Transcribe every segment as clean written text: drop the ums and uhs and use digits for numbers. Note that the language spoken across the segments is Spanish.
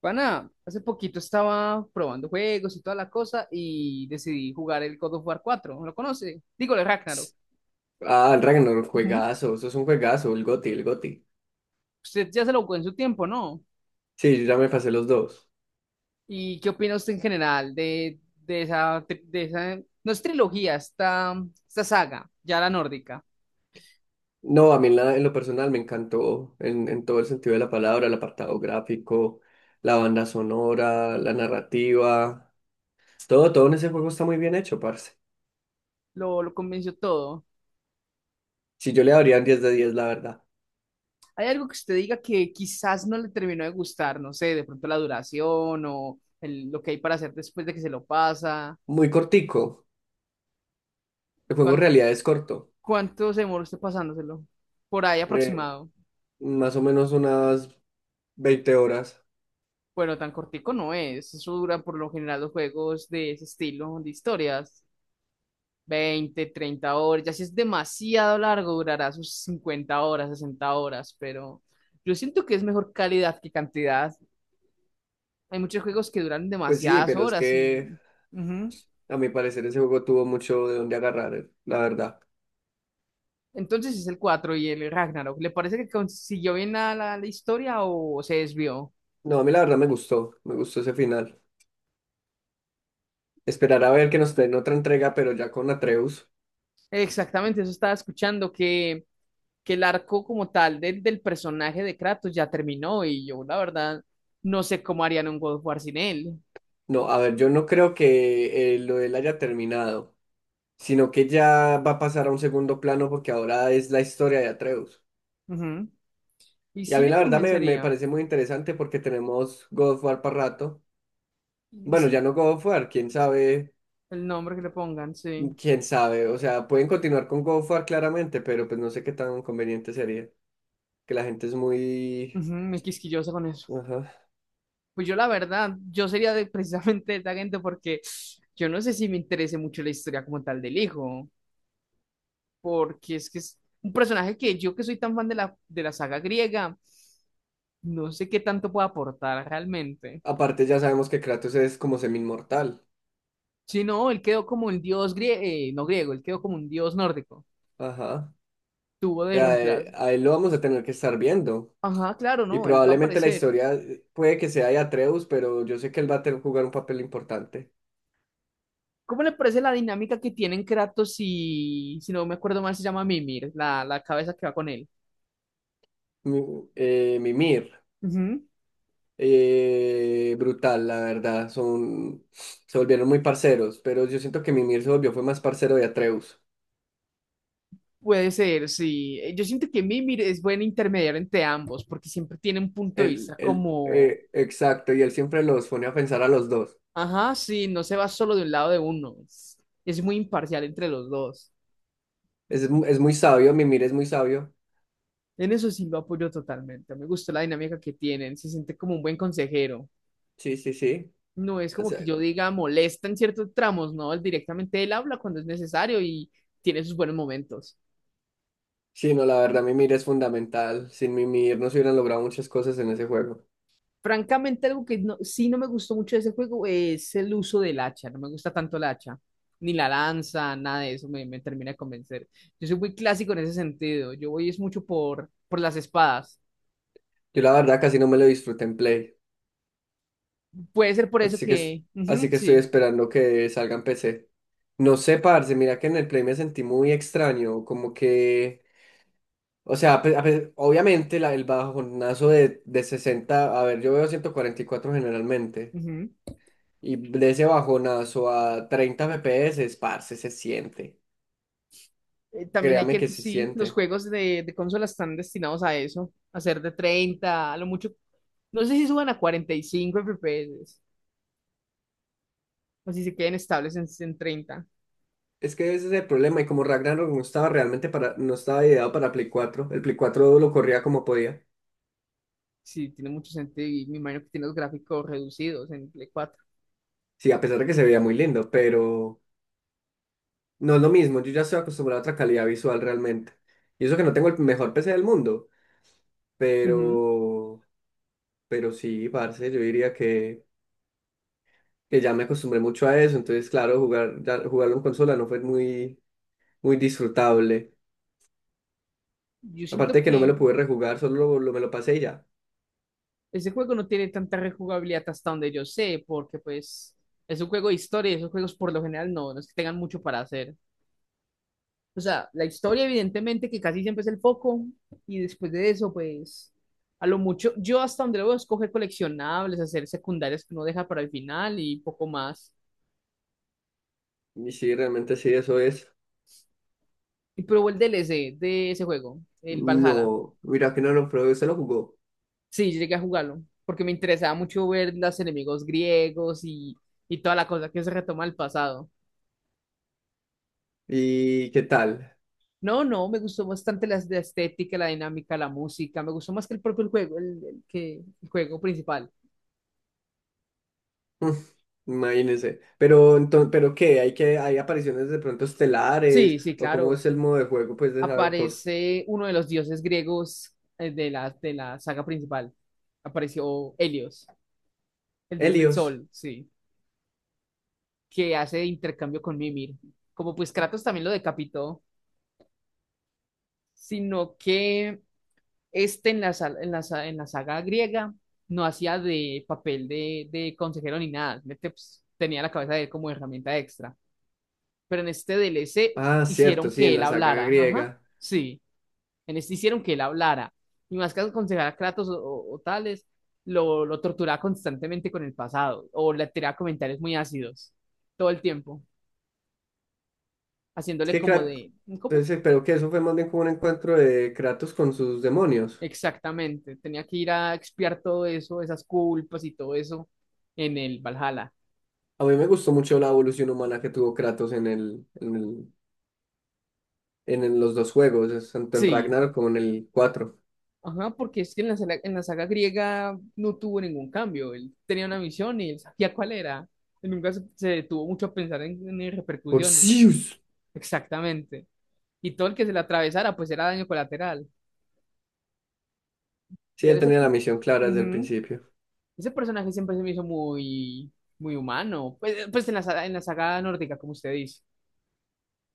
Pana, hace poquito estaba probando juegos y toda la cosa y decidí jugar el God of War 4. ¿Lo conoce? Digo, el Ragnarok. Ah, el Ragnarok, Ujú. juegazo, eso es un juegazo, el GOTY, el GOTY. Usted ya se lo jugó en su tiempo, ¿no? Sí, yo ya me pasé los dos. ¿Y qué opina usted en general de esa, no es trilogía, esta saga, ya la nórdica? No, a mí en lo personal me encantó, en todo el sentido de la palabra, el apartado gráfico, la banda sonora, la narrativa, todo en ese juego está muy bien hecho, parce. Lo convenció todo. Si yo le daría un 10 de diez, la verdad. ¿Hay algo que usted diga que quizás no le terminó de gustar? No sé, de pronto la duración o lo que hay para hacer después de que se lo pasa. Muy cortico, el juego en realidad es corto, ¿Cuánto se demora usted pasándoselo? Por ahí eh, aproximado. más o menos unas 20 horas. Bueno, tan cortico no es. Eso dura por lo general los juegos de ese estilo, de historias. 20, 30 horas. Ya si es demasiado largo, durará sus 50 horas, 60 horas. Pero yo siento que es mejor calidad que cantidad. Hay muchos juegos que duran Pues sí, demasiadas pero es horas que y... Ujú. a mi parecer ese juego tuvo mucho de dónde agarrar, la verdad. Entonces es el 4 y el Ragnarok. ¿Le parece que consiguió bien la, la historia o se desvió? No, a mí la verdad me gustó ese final. Esperar a ver que nos den otra entrega, pero ya con Atreus. Exactamente, eso estaba escuchando, que el arco como tal del personaje de Kratos ya terminó y yo la verdad no sé cómo harían un God of War sin él. No, a ver, yo no creo que lo de él haya terminado, sino que ya va a pasar a un segundo plano porque ahora es la historia de Atreus. Ujú. Y Y a sí mí le la verdad me convencería. parece muy interesante porque tenemos God of War para rato. Y Bueno, ya sí, no God of War, quién sabe, el nombre que le pongan, sí. quién sabe. O sea, pueden continuar con God of War claramente, pero pues no sé qué tan conveniente sería. Que la gente es muy... Ujú, muy quisquillosa con eso. Ajá. Pues yo la verdad, yo sería de, precisamente de esa gente porque yo no sé si me interese mucho la historia como tal del hijo, porque es que es un personaje que yo que soy tan fan de la saga griega, no sé qué tanto puede aportar realmente. Aparte ya sabemos que Kratos es como semi-inmortal. Sí, no, él quedó como un dios griego, no griego, él quedó como un dios nórdico. Ajá. Tuvo de Ya, reemplazo. a él lo vamos a tener que estar viendo. Ajá, claro, Y no, él va a probablemente la aparecer. historia puede que sea de Atreus, pero yo sé que él va a tener que jugar un papel importante. ¿Cómo le parece la dinámica que tienen Kratos y, si no me acuerdo mal, se llama Mimir, la cabeza que va con él? Mimir. Ujú. Brutal, la verdad. Se volvieron muy parceros, pero yo siento que Mimir se volvió fue más parcero de Atreus. Puede ser, sí. Yo siento que Mimir es buen intermediario entre ambos, porque siempre tiene un punto de Él, vista él, como, eh, exacto, y él siempre los pone a pensar a los dos. ajá, sí, no se va solo de un lado de uno. Es muy imparcial entre los dos. Es, es muy sabio, Mimir es muy sabio. En eso sí lo apoyo totalmente. Me gustó la dinámica que tienen. Se siente como un buen consejero. Sí, sí, sí. No es como que yo diga molesta en ciertos tramos, no, él directamente él habla cuando es necesario y tiene sus buenos momentos. Sí, no, la verdad, Mimir es fundamental. Sin Mimir no se hubieran logrado muchas cosas en ese juego. Francamente, algo que sí no me gustó mucho de ese juego es el uso del hacha, no me gusta tanto el hacha, ni la lanza, nada de eso me termina de convencer. Yo soy muy clásico en ese sentido, yo voy es mucho por las espadas. Yo la verdad casi no me lo disfruté en Play. Puede ser por eso Así que, que, así ujú, que estoy sí, esperando que salga en PC. No sé, parce, mira que en el Play me sentí muy extraño. Como que, o sea, obviamente el bajonazo de 60, a ver, yo veo 144 generalmente. ujú. Y de ese bajonazo a 30 FPS, parce, se siente. También hay Créame que ver que que se sí, los siente. juegos de consola están destinados a eso, a ser de 30 a lo mucho. No sé si suban a 45 FPS o si se queden estables en 30. Es que ese es el problema, y como Ragnarok no estaba realmente para, no estaba ideado para Play cuatro, el Play 4 lo corría como podía. Sí, tiene mucho sentido y me imagino que tiene los gráficos reducidos en Play cuatro. Sí, a pesar de que se veía muy lindo, pero no es lo mismo, yo ya estoy acostumbrado a otra calidad visual realmente. Y eso que no tengo el mejor PC del mundo, Ujú. pero, pero sí, parce, yo diría que ya me acostumbré mucho a eso, entonces claro, jugarlo en consola no fue muy, muy disfrutable. Yo Aparte siento de que no me que lo pude rejugar, me lo pasé y ya. ese juego no tiene tanta rejugabilidad hasta donde yo sé, porque pues es un juego de historia y esos juegos por lo general no, no es que tengan mucho para hacer. O sea, la historia evidentemente que casi siempre es el foco y después de eso, pues, a lo mucho, yo hasta donde voy a escoger coleccionables, hacer secundarias que uno deja para el final y poco más. Y sí, realmente sí, eso es. Y probé el DLC de ese juego, el Valhalla. No, mira que no lo probé, se lo jugó. Sí, llegué a jugarlo porque me interesaba mucho ver los enemigos griegos y toda la cosa que se retoma del pasado. ¿Y qué tal? No, no, me gustó bastante la estética, la dinámica, la música. Me gustó más que el propio juego, el juego principal. Mm, imagínense. Pero, entonces, ¿pero qué? ¿Hay que, hay apariciones de pronto estelares? Sí, sí, ¿O cómo claro. es el modo de juego, pues, de esa cosa? Aparece uno de los dioses griegos de la saga principal. Apareció Helios, el dios del Helios. sol, sí, que hace intercambio con Mimir. Como pues Kratos también lo decapitó, sino que este en la, sal- en la, sa- en la saga griega no hacía de papel de consejero ni nada. Simplemente, pues, tenía la cabeza de él como herramienta extra. Pero en este DLC Ah, cierto, hicieron sí, que en él la saga hablara. Ajá, griega. sí. En este hicieron que él hablara. Y más que aconsejar a Kratos o tales, lo torturaba constantemente con el pasado. O le tiraba comentarios muy ácidos. Todo el tiempo. Es Haciéndole que como Kratos... de. ¿Cómo? Entonces, pero que eso fue más bien como un encuentro de Kratos con sus demonios. Exactamente. Tenía que ir a expiar todo eso, esas culpas y todo eso en el Valhalla. A mí me gustó mucho la evolución humana que tuvo Kratos en los dos juegos, es tanto en Sí. Ragnarok como en el 4. Ajá, porque es que en la saga griega no tuvo ningún cambio. Él tenía una misión y él sabía cuál era. Él nunca se detuvo mucho a pensar en repercusiones. Orsius. Exactamente. Y todo el que se le atravesara, pues era daño colateral. Sí, Pero él tenía la misión clara desde el ujú, principio. ese personaje siempre se me hizo muy, muy humano. Pues en la saga nórdica, como usted dice,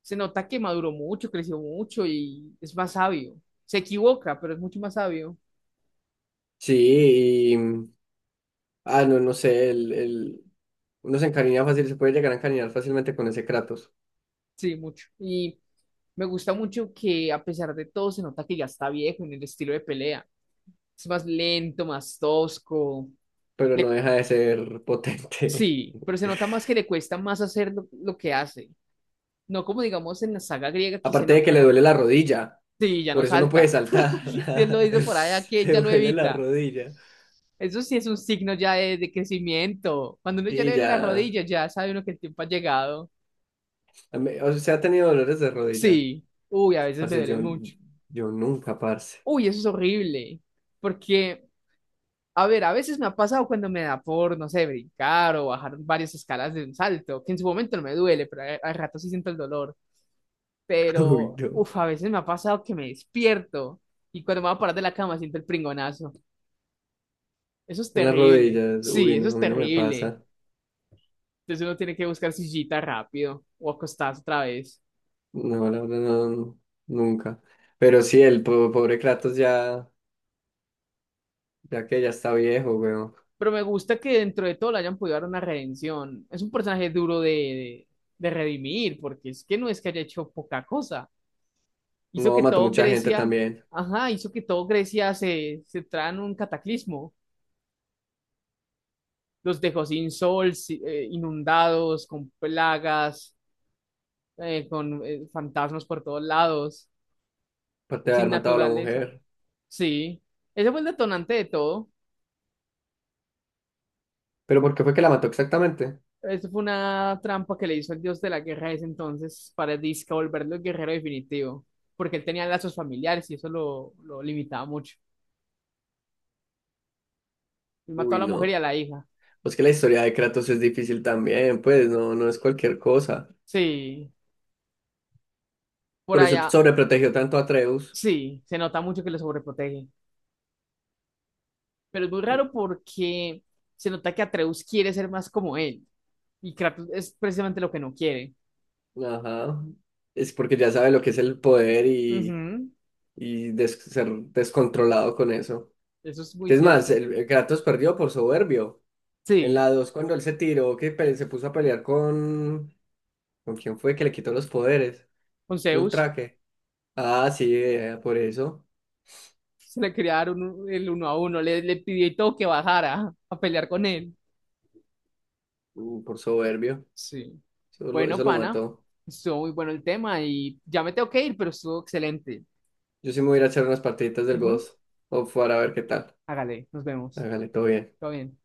se nota que maduró mucho, creció mucho y es más sabio. Se equivoca, pero es mucho más sabio. Sí, y... mm, ah, no, no sé, uno se encariña fácil, se puede llegar a encariñar fácilmente con ese Kratos, Sí, mucho. Y me gusta mucho que a pesar de todo se nota que ya está viejo en el estilo de pelea. Es más lento, más tosco. pero no Le, deja de ser potente. sí, pero se nota más que le cuesta más hacer lo que hace. No como digamos en la saga griega que se Aparte de que le nota, duele la rodilla, sí, ya por no eso no puede salta. saltar. Si él lo dice por allá que Le ya lo duele la evita. rodilla. Eso sí es un signo ya de crecimiento. Cuando uno ya le Sí, duele las ya. rodillas, ya sabe uno que el tiempo ha llegado. A mí... O sea, ha tenido dolores de rodilla. Sí. Uy, a veces me Parce, yo, duele mucho. yo nunca, parce. Uy, eso es horrible. Porque, a ver, a veces me ha pasado cuando me da por, no sé, brincar o bajar varias escalas de un salto, que en su momento no me duele, pero al rato sí siento el dolor. Uy, Pero no. uf a veces me ha pasado que me despierto y cuando me voy a parar de la cama siento el pringonazo. Eso es En las terrible. rodillas, Sí, uy, eso no, es a mí no me terrible. pasa. Entonces uno tiene que buscar sillita rápido o acostarse otra vez. No, la verdad, no, no, nunca. Pero sí, el pobre Kratos ya, ya que ya está viejo, weón. Pero me gusta que dentro de todo le hayan podido dar una redención. Es un personaje duro de redimir, porque es que no es que haya hecho poca cosa. Hizo No, que mató todo mucha gente Grecia, también, ajá, hizo que todo Grecia se entrara en un cataclismo. Los dejó sin sol, inundados, con plagas con fantasmas por todos lados, aparte de sin haber matado a la naturaleza. mujer. Sí, ese fue el detonante de todo. ¿Pero por qué fue que la mató exactamente? Eso fue una trampa que le hizo el dios de la guerra ese entonces para disque volverlo el guerrero definitivo, porque él tenía lazos familiares y eso lo limitaba mucho. Él mató a Uy, la mujer y a no. la hija. Pues que la historia de Kratos es difícil también, pues, no, no es cualquier cosa. Sí, por Por eso allá, sobreprotegió tanto a Atreus. sí, se nota mucho que lo sobreprotege, pero es muy raro porque se nota que Atreus quiere ser más como él y Kratos es precisamente lo que no quiere. Ajá. Es porque ya sabe lo que es el poder y, Ujú, ser descontrolado con eso. eso es muy ¿Es más? cierto. El Kratos perdió por soberbio. En Sí. la 2 cuando él se tiró, se puso a pelear con... ¿Con quién fue que le quitó los poderes? Con Y un Zeus, traje. Ah, sí, por eso. se le quería dar el uno a uno, le pidió y todo que bajara a pelear con él. Mm, por soberbio. Sí. Bueno, Eso lo pana, mató. estuvo muy bueno el tema y ya me tengo que ir, pero estuvo excelente. Yo sí me voy a ir a echar unas partiditas del Ujú. Ghost of War a ver qué tal. Hágale, nos vemos. Hágale, todo bien. Todo bien.